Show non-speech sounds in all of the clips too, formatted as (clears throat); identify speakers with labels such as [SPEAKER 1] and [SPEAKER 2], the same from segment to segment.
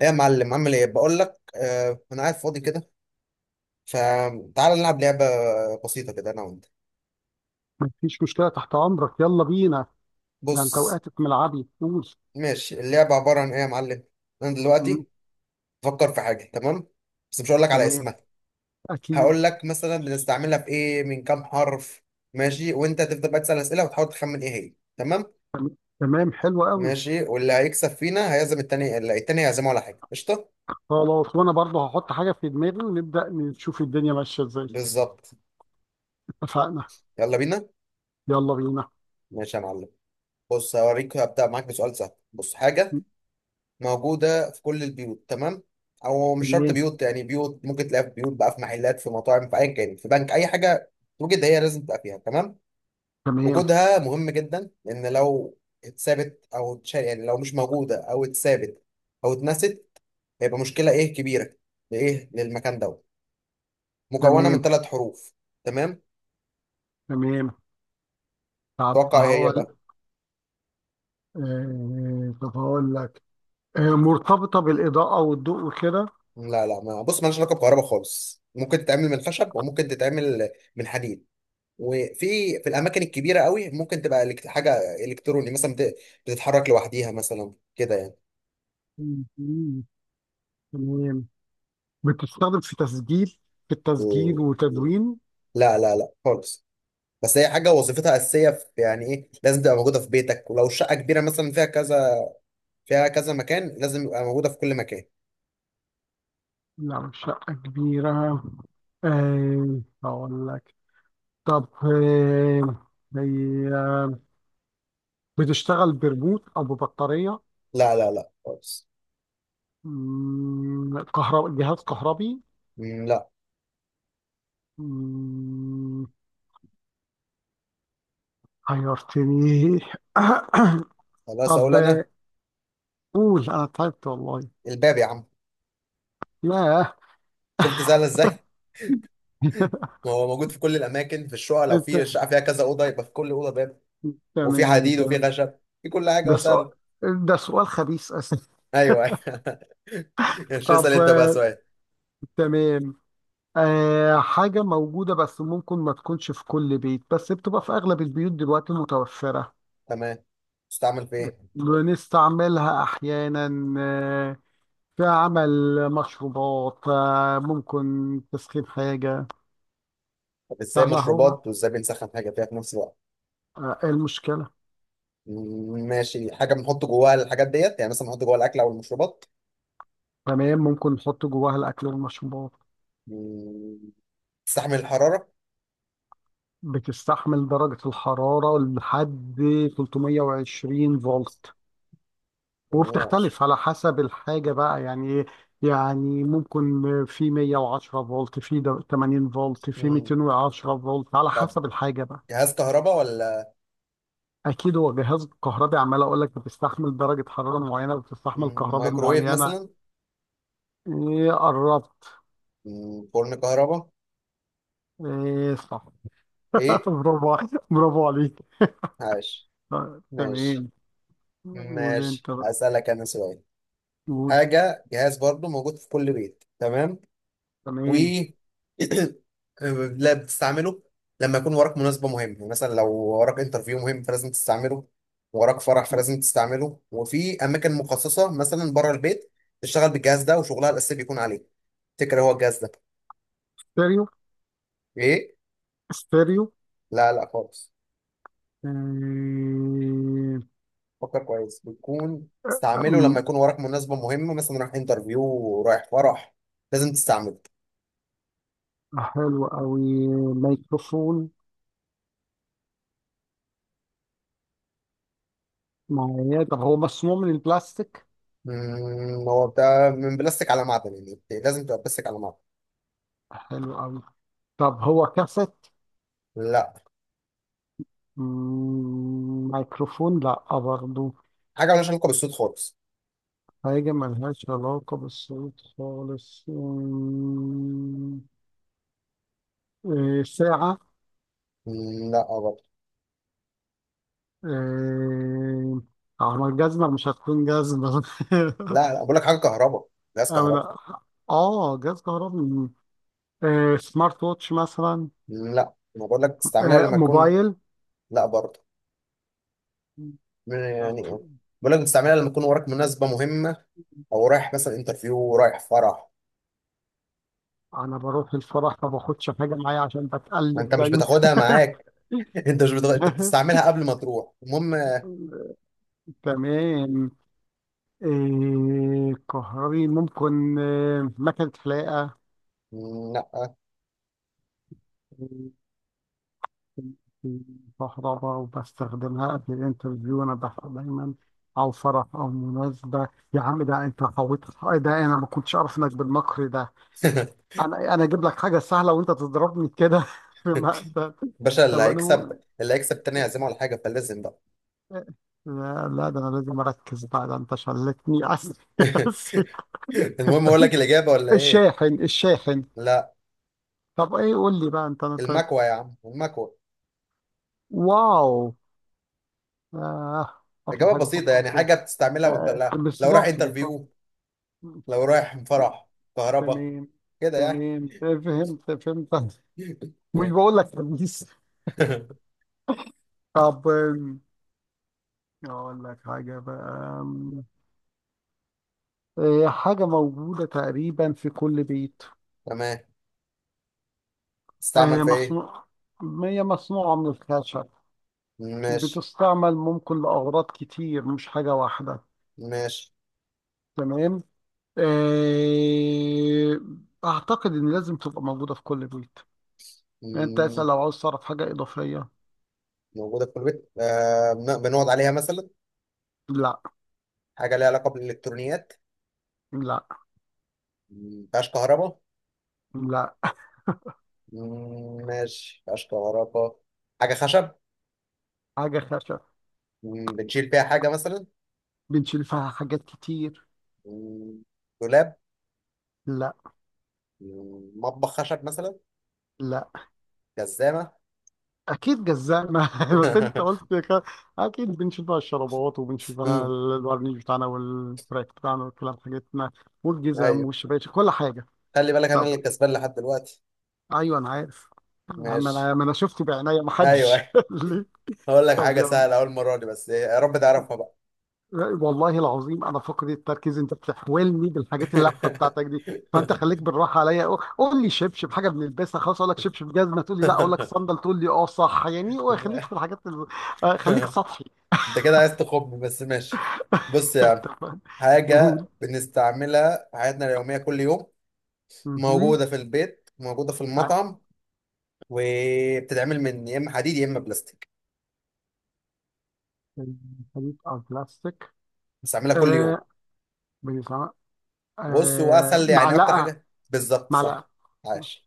[SPEAKER 1] ايه يا معلم، عامل ايه؟ بقول لك انا قاعد فاضي كده، فتعال نلعب لعبه بسيطه كده، انا وانت.
[SPEAKER 2] مفيش مشكلة، تحت أمرك. يلا بينا. ده أنت
[SPEAKER 1] بص.
[SPEAKER 2] وقعت في ملعبي، قول.
[SPEAKER 1] ماشي، اللعبه عباره عن ايه يا معلم؟ انا
[SPEAKER 2] مم.
[SPEAKER 1] دلوقتي بفكر في حاجه، تمام؟ بس مش هقول لك على
[SPEAKER 2] تمام.
[SPEAKER 1] اسمها.
[SPEAKER 2] أكيد.
[SPEAKER 1] هقول لك مثلا بنستعملها في ايه، من كام حرف. ماشي، وانت هتفضل بقى تسال اسئله وتحاول تخمن ايه هي، تمام؟
[SPEAKER 2] تمام، حلو قوي.
[SPEAKER 1] ماشي، واللي هيكسب فينا هيعزم التاني، اللي التاني هيعزمه على حاجه قشطه.
[SPEAKER 2] خلاص، وأنا برضه هحط حاجة في دماغي ونبدأ نشوف الدنيا ماشية إزاي.
[SPEAKER 1] بالظبط.
[SPEAKER 2] اتفقنا.
[SPEAKER 1] يلا بينا.
[SPEAKER 2] يلا بينا.
[SPEAKER 1] ماشي يا معلم. بص، هوريك، هبدا معاك بسؤال سهل. بص،
[SPEAKER 2] مم.
[SPEAKER 1] حاجه موجودة في كل البيوت، تمام؟ أو مش شرط
[SPEAKER 2] تمام.
[SPEAKER 1] بيوت، يعني بيوت ممكن تلاقيها في بيوت بقى، في محلات، في مطاعم، في أيا كان، في بنك، أي حاجة. توجد، هي لازم تبقى فيها، تمام.
[SPEAKER 2] تمام.
[SPEAKER 1] وجودها مهم جدا، لأن لو اتثابت أو اتشال، يعني لو مش موجودة أو اتثابت أو اتنست، هيبقى مشكلة إيه كبيرة. لإيه؟ للمكان دوت. مكونة
[SPEAKER 2] تمام.
[SPEAKER 1] من ثلاث حروف. تمام.
[SPEAKER 2] تمام. طب
[SPEAKER 1] توقع إيه هي بقى.
[SPEAKER 2] هقول. طب هقول لك. مرتبطة بالإضاءة والضوء وكده.
[SPEAKER 1] لا لا، ما بص، مالهاش علاقة بكهرباء خالص. ممكن تتعمل من خشب، وممكن تتعمل من حديد. وفي الاماكن الكبيره قوي ممكن تبقى حاجه الكتروني مثلا، بتتحرك لوحديها مثلا كده يعني.
[SPEAKER 2] مم. مم. تمام. بتستخدم في تسجيل، في التسجيل
[SPEAKER 1] مم. مم.
[SPEAKER 2] وتدوين.
[SPEAKER 1] لا لا لا خالص. بس هي حاجه وظيفتها اساسيه في، يعني ايه، لازم تبقى موجوده في بيتك، ولو الشقه كبيره مثلا فيها كذا مكان لازم يبقى موجوده في كل مكان.
[SPEAKER 2] لا، مش شقة كبيرة. هقول لك. طب هي بتشتغل بريموت او ببطاريه.
[SPEAKER 1] لا لا لا خالص.
[SPEAKER 2] كهرباء، جهاز كهربي.
[SPEAKER 1] مم، لا.
[SPEAKER 2] مم. حيرتني. (coughs)
[SPEAKER 1] خلاص،
[SPEAKER 2] طب
[SPEAKER 1] اقول انا.
[SPEAKER 2] قول انا تعبت والله.
[SPEAKER 1] الباب يا عم.
[SPEAKER 2] ياه.
[SPEAKER 1] شفت سهله ازاي؟ (laughs)
[SPEAKER 2] (laughs)
[SPEAKER 1] ما هو موجود في كل الاماكن في الشقه، لو
[SPEAKER 2] انت.
[SPEAKER 1] في الشقه فيها كذا اوضه يبقى في كل اوضه باب، وفي
[SPEAKER 2] تمام
[SPEAKER 1] حديد وفي
[SPEAKER 2] تمام.
[SPEAKER 1] خشب، في كل حاجه،
[SPEAKER 2] ده سؤال،
[SPEAKER 1] وسهل.
[SPEAKER 2] ده سؤال خبيث، اسف.
[SPEAKER 1] ايوه ايوه. (laughs) مش اسال
[SPEAKER 2] طب
[SPEAKER 1] انت بقى سؤال؟
[SPEAKER 2] تمام. حاجة موجودة بس ممكن ما تكونش في كل بيت، بس بتبقى في أغلب البيوت دلوقتي متوفرة.
[SPEAKER 1] تمام. تستعمل في ايه؟
[SPEAKER 2] بنستعملها أحيانا. آه، في عمل مشروبات، ممكن تسخين حاجة.
[SPEAKER 1] طب ازاي
[SPEAKER 2] سهلة أهو بقى.
[SPEAKER 1] مشروبات وازاي بنسخن حاجه فيها في نفس الوقت؟
[SPEAKER 2] إيه المشكلة؟
[SPEAKER 1] ماشي، حاجه بنحط جواها الحاجات ديت، يعني مثلا بنحط جواها الاكل او المشروبات.
[SPEAKER 2] تمام، ممكن نحط جواها الأكل والمشروبات.
[SPEAKER 1] مم، تستحمل الحراره.
[SPEAKER 2] بتستحمل درجة الحرارة لحد 320 فولت.
[SPEAKER 1] ومياش.
[SPEAKER 2] وبتختلف على حسب الحاجة بقى، يعني إيه؟ يعني ممكن في 110 فولت، في 80 فولت، في 210 فولت على
[SPEAKER 1] طب
[SPEAKER 2] حسب الحاجة بقى.
[SPEAKER 1] جهاز كهرباء ولا؟
[SPEAKER 2] اكيد هو جهاز كهربي، عمال اقول لك بتستحمل درجه حراره معينه، بتستحمل كهرباء
[SPEAKER 1] مايكروويف
[SPEAKER 2] معينه.
[SPEAKER 1] مثلا.
[SPEAKER 2] ايه، قربت.
[SPEAKER 1] فرن كهرباء.
[SPEAKER 2] ايه، صح. (laughs)
[SPEAKER 1] ايه،
[SPEAKER 2] برافو عليك.
[SPEAKER 1] عاش. ماشي.
[SPEAKER 2] تمام. قول
[SPEAKER 1] ماشي،
[SPEAKER 2] انت بقى.
[SPEAKER 1] هسألك انا سؤال.
[SPEAKER 2] قول.
[SPEAKER 1] حاجه، جهاز برضو موجود في كل بيت، تمام. و
[SPEAKER 2] تمام.
[SPEAKER 1] (clears throat) لا، بتستعمله لما يكون وراك مناسبة مهمة. يعني مثلا لو وراك انترفيو مهم فلازم تستعمله، وراك فرح فلازم تستعمله، وفي أماكن مخصصة مثلا بره البيت تشتغل بالجهاز ده وشغلها الأساسي بيكون عليه. تفتكر هو الجهاز ده؟
[SPEAKER 2] ستيريو.
[SPEAKER 1] إيه؟
[SPEAKER 2] ستيريو.
[SPEAKER 1] لا لا خالص.
[SPEAKER 2] إيه.
[SPEAKER 1] فكر كويس. بتكون تستعمله لما
[SPEAKER 2] أم،
[SPEAKER 1] يكون وراك مناسبة مهمة، مثلا رايح انترفيو، رايح فرح، لازم تستعمله.
[SPEAKER 2] حلو قوي. ميكروفون معايا. طب هو مصنوع من البلاستيك؟
[SPEAKER 1] هو بتاع من بلاستيك على معدن، يعني لازم تبقى بلاستيك على معدن.
[SPEAKER 2] حلو قوي. طب هو كاسيت؟
[SPEAKER 1] لا.
[SPEAKER 2] ميكروفون لا برضه.
[SPEAKER 1] حاجة مالهاش علاقة بالصوت خالص.
[SPEAKER 2] حاجة ملهاش علاقة بالصوت خالص. إيه، ساعة.
[SPEAKER 1] لا برضه.
[SPEAKER 2] إيه، ما الجزمة مش هتكون جزمة. (laughs)
[SPEAKER 1] لا لا، بقول لك حاجه كهرباء، جهاز كهرباء.
[SPEAKER 2] أنا جهاز كهربي. إيه، سمارت ووتش مثلا.
[SPEAKER 1] لا، ما بقول لك تستعملها
[SPEAKER 2] إيه،
[SPEAKER 1] لما يكون.
[SPEAKER 2] موبايل.
[SPEAKER 1] لا برضه.
[SPEAKER 2] طب
[SPEAKER 1] يعني إيه؟ بقول لك تستعملها لما يكون وراك مناسبه مهمه، او رايح مثلا انترفيو، رايح فرح.
[SPEAKER 2] أنا بروح الفرح ما باخدش حاجة معايا عشان
[SPEAKER 1] ما انت
[SPEAKER 2] بتقلب
[SPEAKER 1] مش
[SPEAKER 2] دايما.
[SPEAKER 1] بتاخدها معاك. (laughs) انت مش بتاخد... انت
[SPEAKER 2] (laughs)
[SPEAKER 1] بتستعملها قبل ما تروح المهم.
[SPEAKER 2] تمام. إيه، كهربي، ممكن إيه، مكنة حلاقة.
[SPEAKER 1] لا.
[SPEAKER 2] الكهرباء، وبستخدمها قبل الانترفيو، انا بحب دايما، او فرح او مناسبه. يا عم، ده انت حويت. إيه، ده انا ما كنتش اعرف انك بالمكر ده.
[SPEAKER 1] (laughs)
[SPEAKER 2] انا اجيب لك حاجه سهله وانت تضربني كده (laughs) في مقتل.
[SPEAKER 1] باشا، اللي
[SPEAKER 2] طب انا
[SPEAKER 1] هيكسب،
[SPEAKER 2] م...
[SPEAKER 1] اللي هيكسب تاني هيعزمه على حاجه، فلازم بقى.
[SPEAKER 2] لا لا، ده انا لازم اركز بقى، ده انت شلتني. اسف (laughs)
[SPEAKER 1] (laughs)
[SPEAKER 2] اسف.
[SPEAKER 1] المهم، اقول لك الاجابه ولا ايه؟
[SPEAKER 2] الشاحن، الشاحن.
[SPEAKER 1] لا.
[SPEAKER 2] طب ايه، قول لي بقى انت.
[SPEAKER 1] المكوه يا عم، المكوه.
[SPEAKER 2] واو. آه. اخر
[SPEAKER 1] اجابه
[SPEAKER 2] حاجه
[SPEAKER 1] بسيطه
[SPEAKER 2] افكر
[SPEAKER 1] يعني،
[SPEAKER 2] فيها.
[SPEAKER 1] حاجه بتستعملها وانت، لا لو رايح
[SPEAKER 2] بالظبط، بالظبط.
[SPEAKER 1] انترفيو، لو رايح فرح، كهرباء،
[SPEAKER 2] تمام
[SPEAKER 1] كده يعني.
[SPEAKER 2] تمام. فهمت، فهمت. مش
[SPEAKER 1] (laughs)
[SPEAKER 2] بقول لك خميس. طب اقول لك حاجه بقى. آم، حاجه موجوده تقريبا في كل بيت.
[SPEAKER 1] تمام. تستعمل
[SPEAKER 2] آه،
[SPEAKER 1] في ايه؟
[SPEAKER 2] مصنوع هي مصنوعه من الخشب.
[SPEAKER 1] ماشي.
[SPEAKER 2] بتستعمل ممكن لاغراض كتير، مش حاجه واحده.
[SPEAKER 1] ماشي.
[SPEAKER 2] تمام. آه، اعتقد ان لازم تبقى موجوده في كل بيت. يعني انت اسال
[SPEAKER 1] مم.
[SPEAKER 2] لو عاوز تعرف حاجه اضافيه.
[SPEAKER 1] موجودة في كل بيت، آه بنقعد عليها مثلا.
[SPEAKER 2] لا.
[SPEAKER 1] حاجة ليها علاقة بالإلكترونيات.
[SPEAKER 2] لا.
[SPEAKER 1] مم. مفيهاش كهرباء.
[SPEAKER 2] لا.
[SPEAKER 1] مم، ماشي، مفيهاش كهرباء، حاجة خشب.
[SPEAKER 2] حاجه خشب.
[SPEAKER 1] مم. بنشيل فيها حاجة مثلا.
[SPEAKER 2] بنشيل فيها حاجات كتير.
[SPEAKER 1] مم. دولاب.
[SPEAKER 2] لا.
[SPEAKER 1] مم. مطبخ خشب مثلا.
[SPEAKER 2] لا.
[SPEAKER 1] جزامة.
[SPEAKER 2] اكيد جزانا (laughs) بس انت قلت
[SPEAKER 1] (laughs)
[SPEAKER 2] اكيد بنشوفها الشرابات، وبنشوفها
[SPEAKER 1] مم.
[SPEAKER 2] الورنيش بتاعنا والفراك بتاعنا والكلام حاجتنا، والجزم
[SPEAKER 1] أيوه.
[SPEAKER 2] والشباشب، كل حاجه.
[SPEAKER 1] خلي بالك أنا
[SPEAKER 2] طب
[SPEAKER 1] اللي كسبان لحد دلوقتي.
[SPEAKER 2] ايوه، انا عارف. ما
[SPEAKER 1] ماشي.
[SPEAKER 2] انا ما انا شفت بعينيا ما حدش
[SPEAKER 1] أيوه.
[SPEAKER 2] (laughs)
[SPEAKER 1] (laughs)
[SPEAKER 2] قال لي.
[SPEAKER 1] هقول لك
[SPEAKER 2] طب
[SPEAKER 1] حاجة
[SPEAKER 2] يلا.
[SPEAKER 1] سهلة، أول مرة دي، بس إيه، يا رب تعرفها بقى.
[SPEAKER 2] والله العظيم انا فقد التركيز، انت بتحولني بالحاجات اللفه بتاعتك دي. فانت خليك بالراحه عليا. قول، قول لي شبشب، حاجه بنلبسها، خلاص اقول لك شبشب. جزمه، تقول لي لا. اقول لك صندل، تقول لي اه صح. يعني خليك في
[SPEAKER 1] (laughs)
[SPEAKER 2] الحاجات خليك سطحي.
[SPEAKER 1] أنت كده عايز تخم، بس ماشي. بص يا عم،
[SPEAKER 2] (laughs) تمام. قول.
[SPEAKER 1] حاجة بنستعملها في حياتنا اليومية كل يوم،
[SPEAKER 2] مهم.
[SPEAKER 1] موجودة في البيت، موجودة في
[SPEAKER 2] آه.
[SPEAKER 1] المطعم، وبتتعمل من يا إما حديد يا إما بلاستيك،
[SPEAKER 2] حديد أو بلاستيك.
[SPEAKER 1] بنستعملها كل يوم.
[SPEAKER 2] آه. بيسمع.
[SPEAKER 1] بص
[SPEAKER 2] آه،
[SPEAKER 1] وأسهل يعني أكتر
[SPEAKER 2] معلقة.
[SPEAKER 1] حاجة، بالظبط صح.
[SPEAKER 2] معلقة.
[SPEAKER 1] عاش.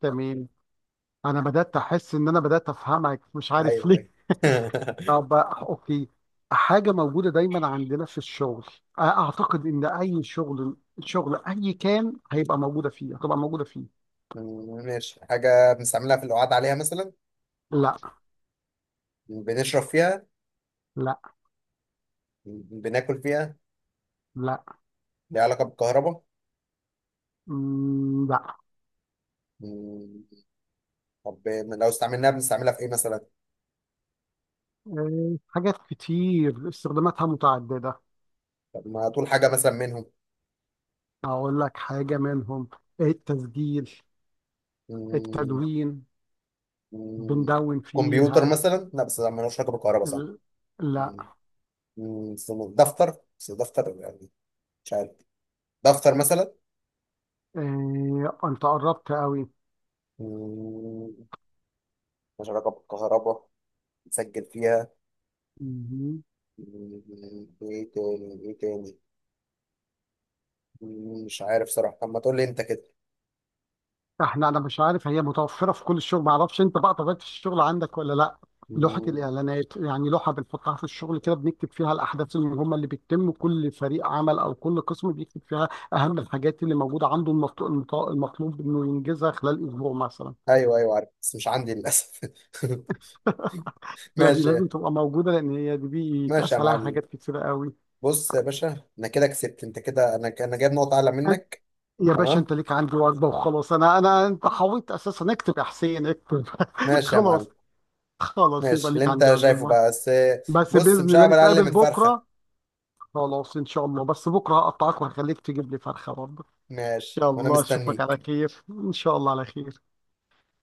[SPEAKER 2] تمام. أنا بدأت أحس إن أنا بدأت أفهمك، مش عارف
[SPEAKER 1] أيوه
[SPEAKER 2] ليه.
[SPEAKER 1] أيوه.
[SPEAKER 2] طب أوكي. حاجة موجودة دايما عندنا في الشغل. أعتقد إن أي شغل، شغل أي كان هيبقى موجودة فيه، هتبقى موجودة فيه.
[SPEAKER 1] (laughs) ماشي. حاجة بنستعملها في القعاد عليها مثلا؟
[SPEAKER 2] لا.
[SPEAKER 1] بنشرب فيها؟
[SPEAKER 2] لا.
[SPEAKER 1] بناكل فيها؟
[SPEAKER 2] لا.
[SPEAKER 1] ليها علاقة بالكهرباء؟
[SPEAKER 2] لا.
[SPEAKER 1] مم، طب لو استعملناها بنستعملها في ايه مثلا؟
[SPEAKER 2] حاجات كتير استخداماتها متعددة.
[SPEAKER 1] طب ما هتقول حاجة مثلا منهم.
[SPEAKER 2] أقول لك حاجة منهم: التسجيل،
[SPEAKER 1] مم،
[SPEAKER 2] التدوين،
[SPEAKER 1] مم،
[SPEAKER 2] بندون
[SPEAKER 1] كمبيوتر
[SPEAKER 2] فيها.
[SPEAKER 1] مثلا؟ لا بس ده ملوش علاقة بالكهرباء صح.
[SPEAKER 2] ال... لا.
[SPEAKER 1] مم، مم، استنى، دفتر. بس دفتر يعني، مش عارف. دفتر مثلا.
[SPEAKER 2] أنت قربت قوي.
[SPEAKER 1] مم، ملوش علاقة بالكهرباء. نسجل فيها.
[SPEAKER 2] مهم.
[SPEAKER 1] مم، ايه تاني ايه تاني. مش عارف صراحة. طب ما تقول لي انت كده.
[SPEAKER 2] أنا مش عارف، هي متوفرة في كل الشغل، معرفش أنت بقى طبيعة الشغل عندك ولا لا. لوحة
[SPEAKER 1] مم،
[SPEAKER 2] الإعلانات، يعني لوحة بنحطها في الشغل كده، بنكتب فيها الأحداث المهمة اللي بتتم، كل فريق عمل أو كل قسم بيكتب فيها أهم الحاجات اللي موجودة عنده، المطلوب إنه ينجزها خلال أسبوع مثلا.
[SPEAKER 1] ايوه ايوه عارف، بس مش عندي للاسف. (laughs)
[SPEAKER 2] لا، دي
[SPEAKER 1] ماشي.
[SPEAKER 2] لازم تبقى موجودة لأن هي دي
[SPEAKER 1] ماشي يا
[SPEAKER 2] بيتقاس عليها
[SPEAKER 1] معلم.
[SPEAKER 2] حاجات كتيرة قوي.
[SPEAKER 1] بص يا باشا، انا كده كسبت، انت كده، انا جايب نقطة اعلى
[SPEAKER 2] أن-
[SPEAKER 1] منك.
[SPEAKER 2] يا باشا،
[SPEAKER 1] تمام.
[SPEAKER 2] أنت ليك عندي وجبة وخلاص. أنا أنا أنت حاولت أساسا. اكتب يا حسين، اكتب. (laughs)
[SPEAKER 1] ماشي يا معلم.
[SPEAKER 2] خلاص. خلاص، يبقى
[SPEAKER 1] ماشي، اللي
[SPEAKER 2] ليك عندي
[SPEAKER 1] انت شايفه
[SPEAKER 2] عزومة.
[SPEAKER 1] بقى بس.
[SPEAKER 2] بس
[SPEAKER 1] بص،
[SPEAKER 2] بإذن
[SPEAKER 1] مش
[SPEAKER 2] الله
[SPEAKER 1] هعمل اقل
[SPEAKER 2] نتقابل
[SPEAKER 1] من فرخة.
[SPEAKER 2] بكرة. خلاص، إن شاء الله. بس بكرة هقطعك وهخليك تجيب لي فرخة برضه.
[SPEAKER 1] ماشي، وانا
[SPEAKER 2] يلا، أشوفك على
[SPEAKER 1] مستنيك.
[SPEAKER 2] خير إن شاء الله، على خير.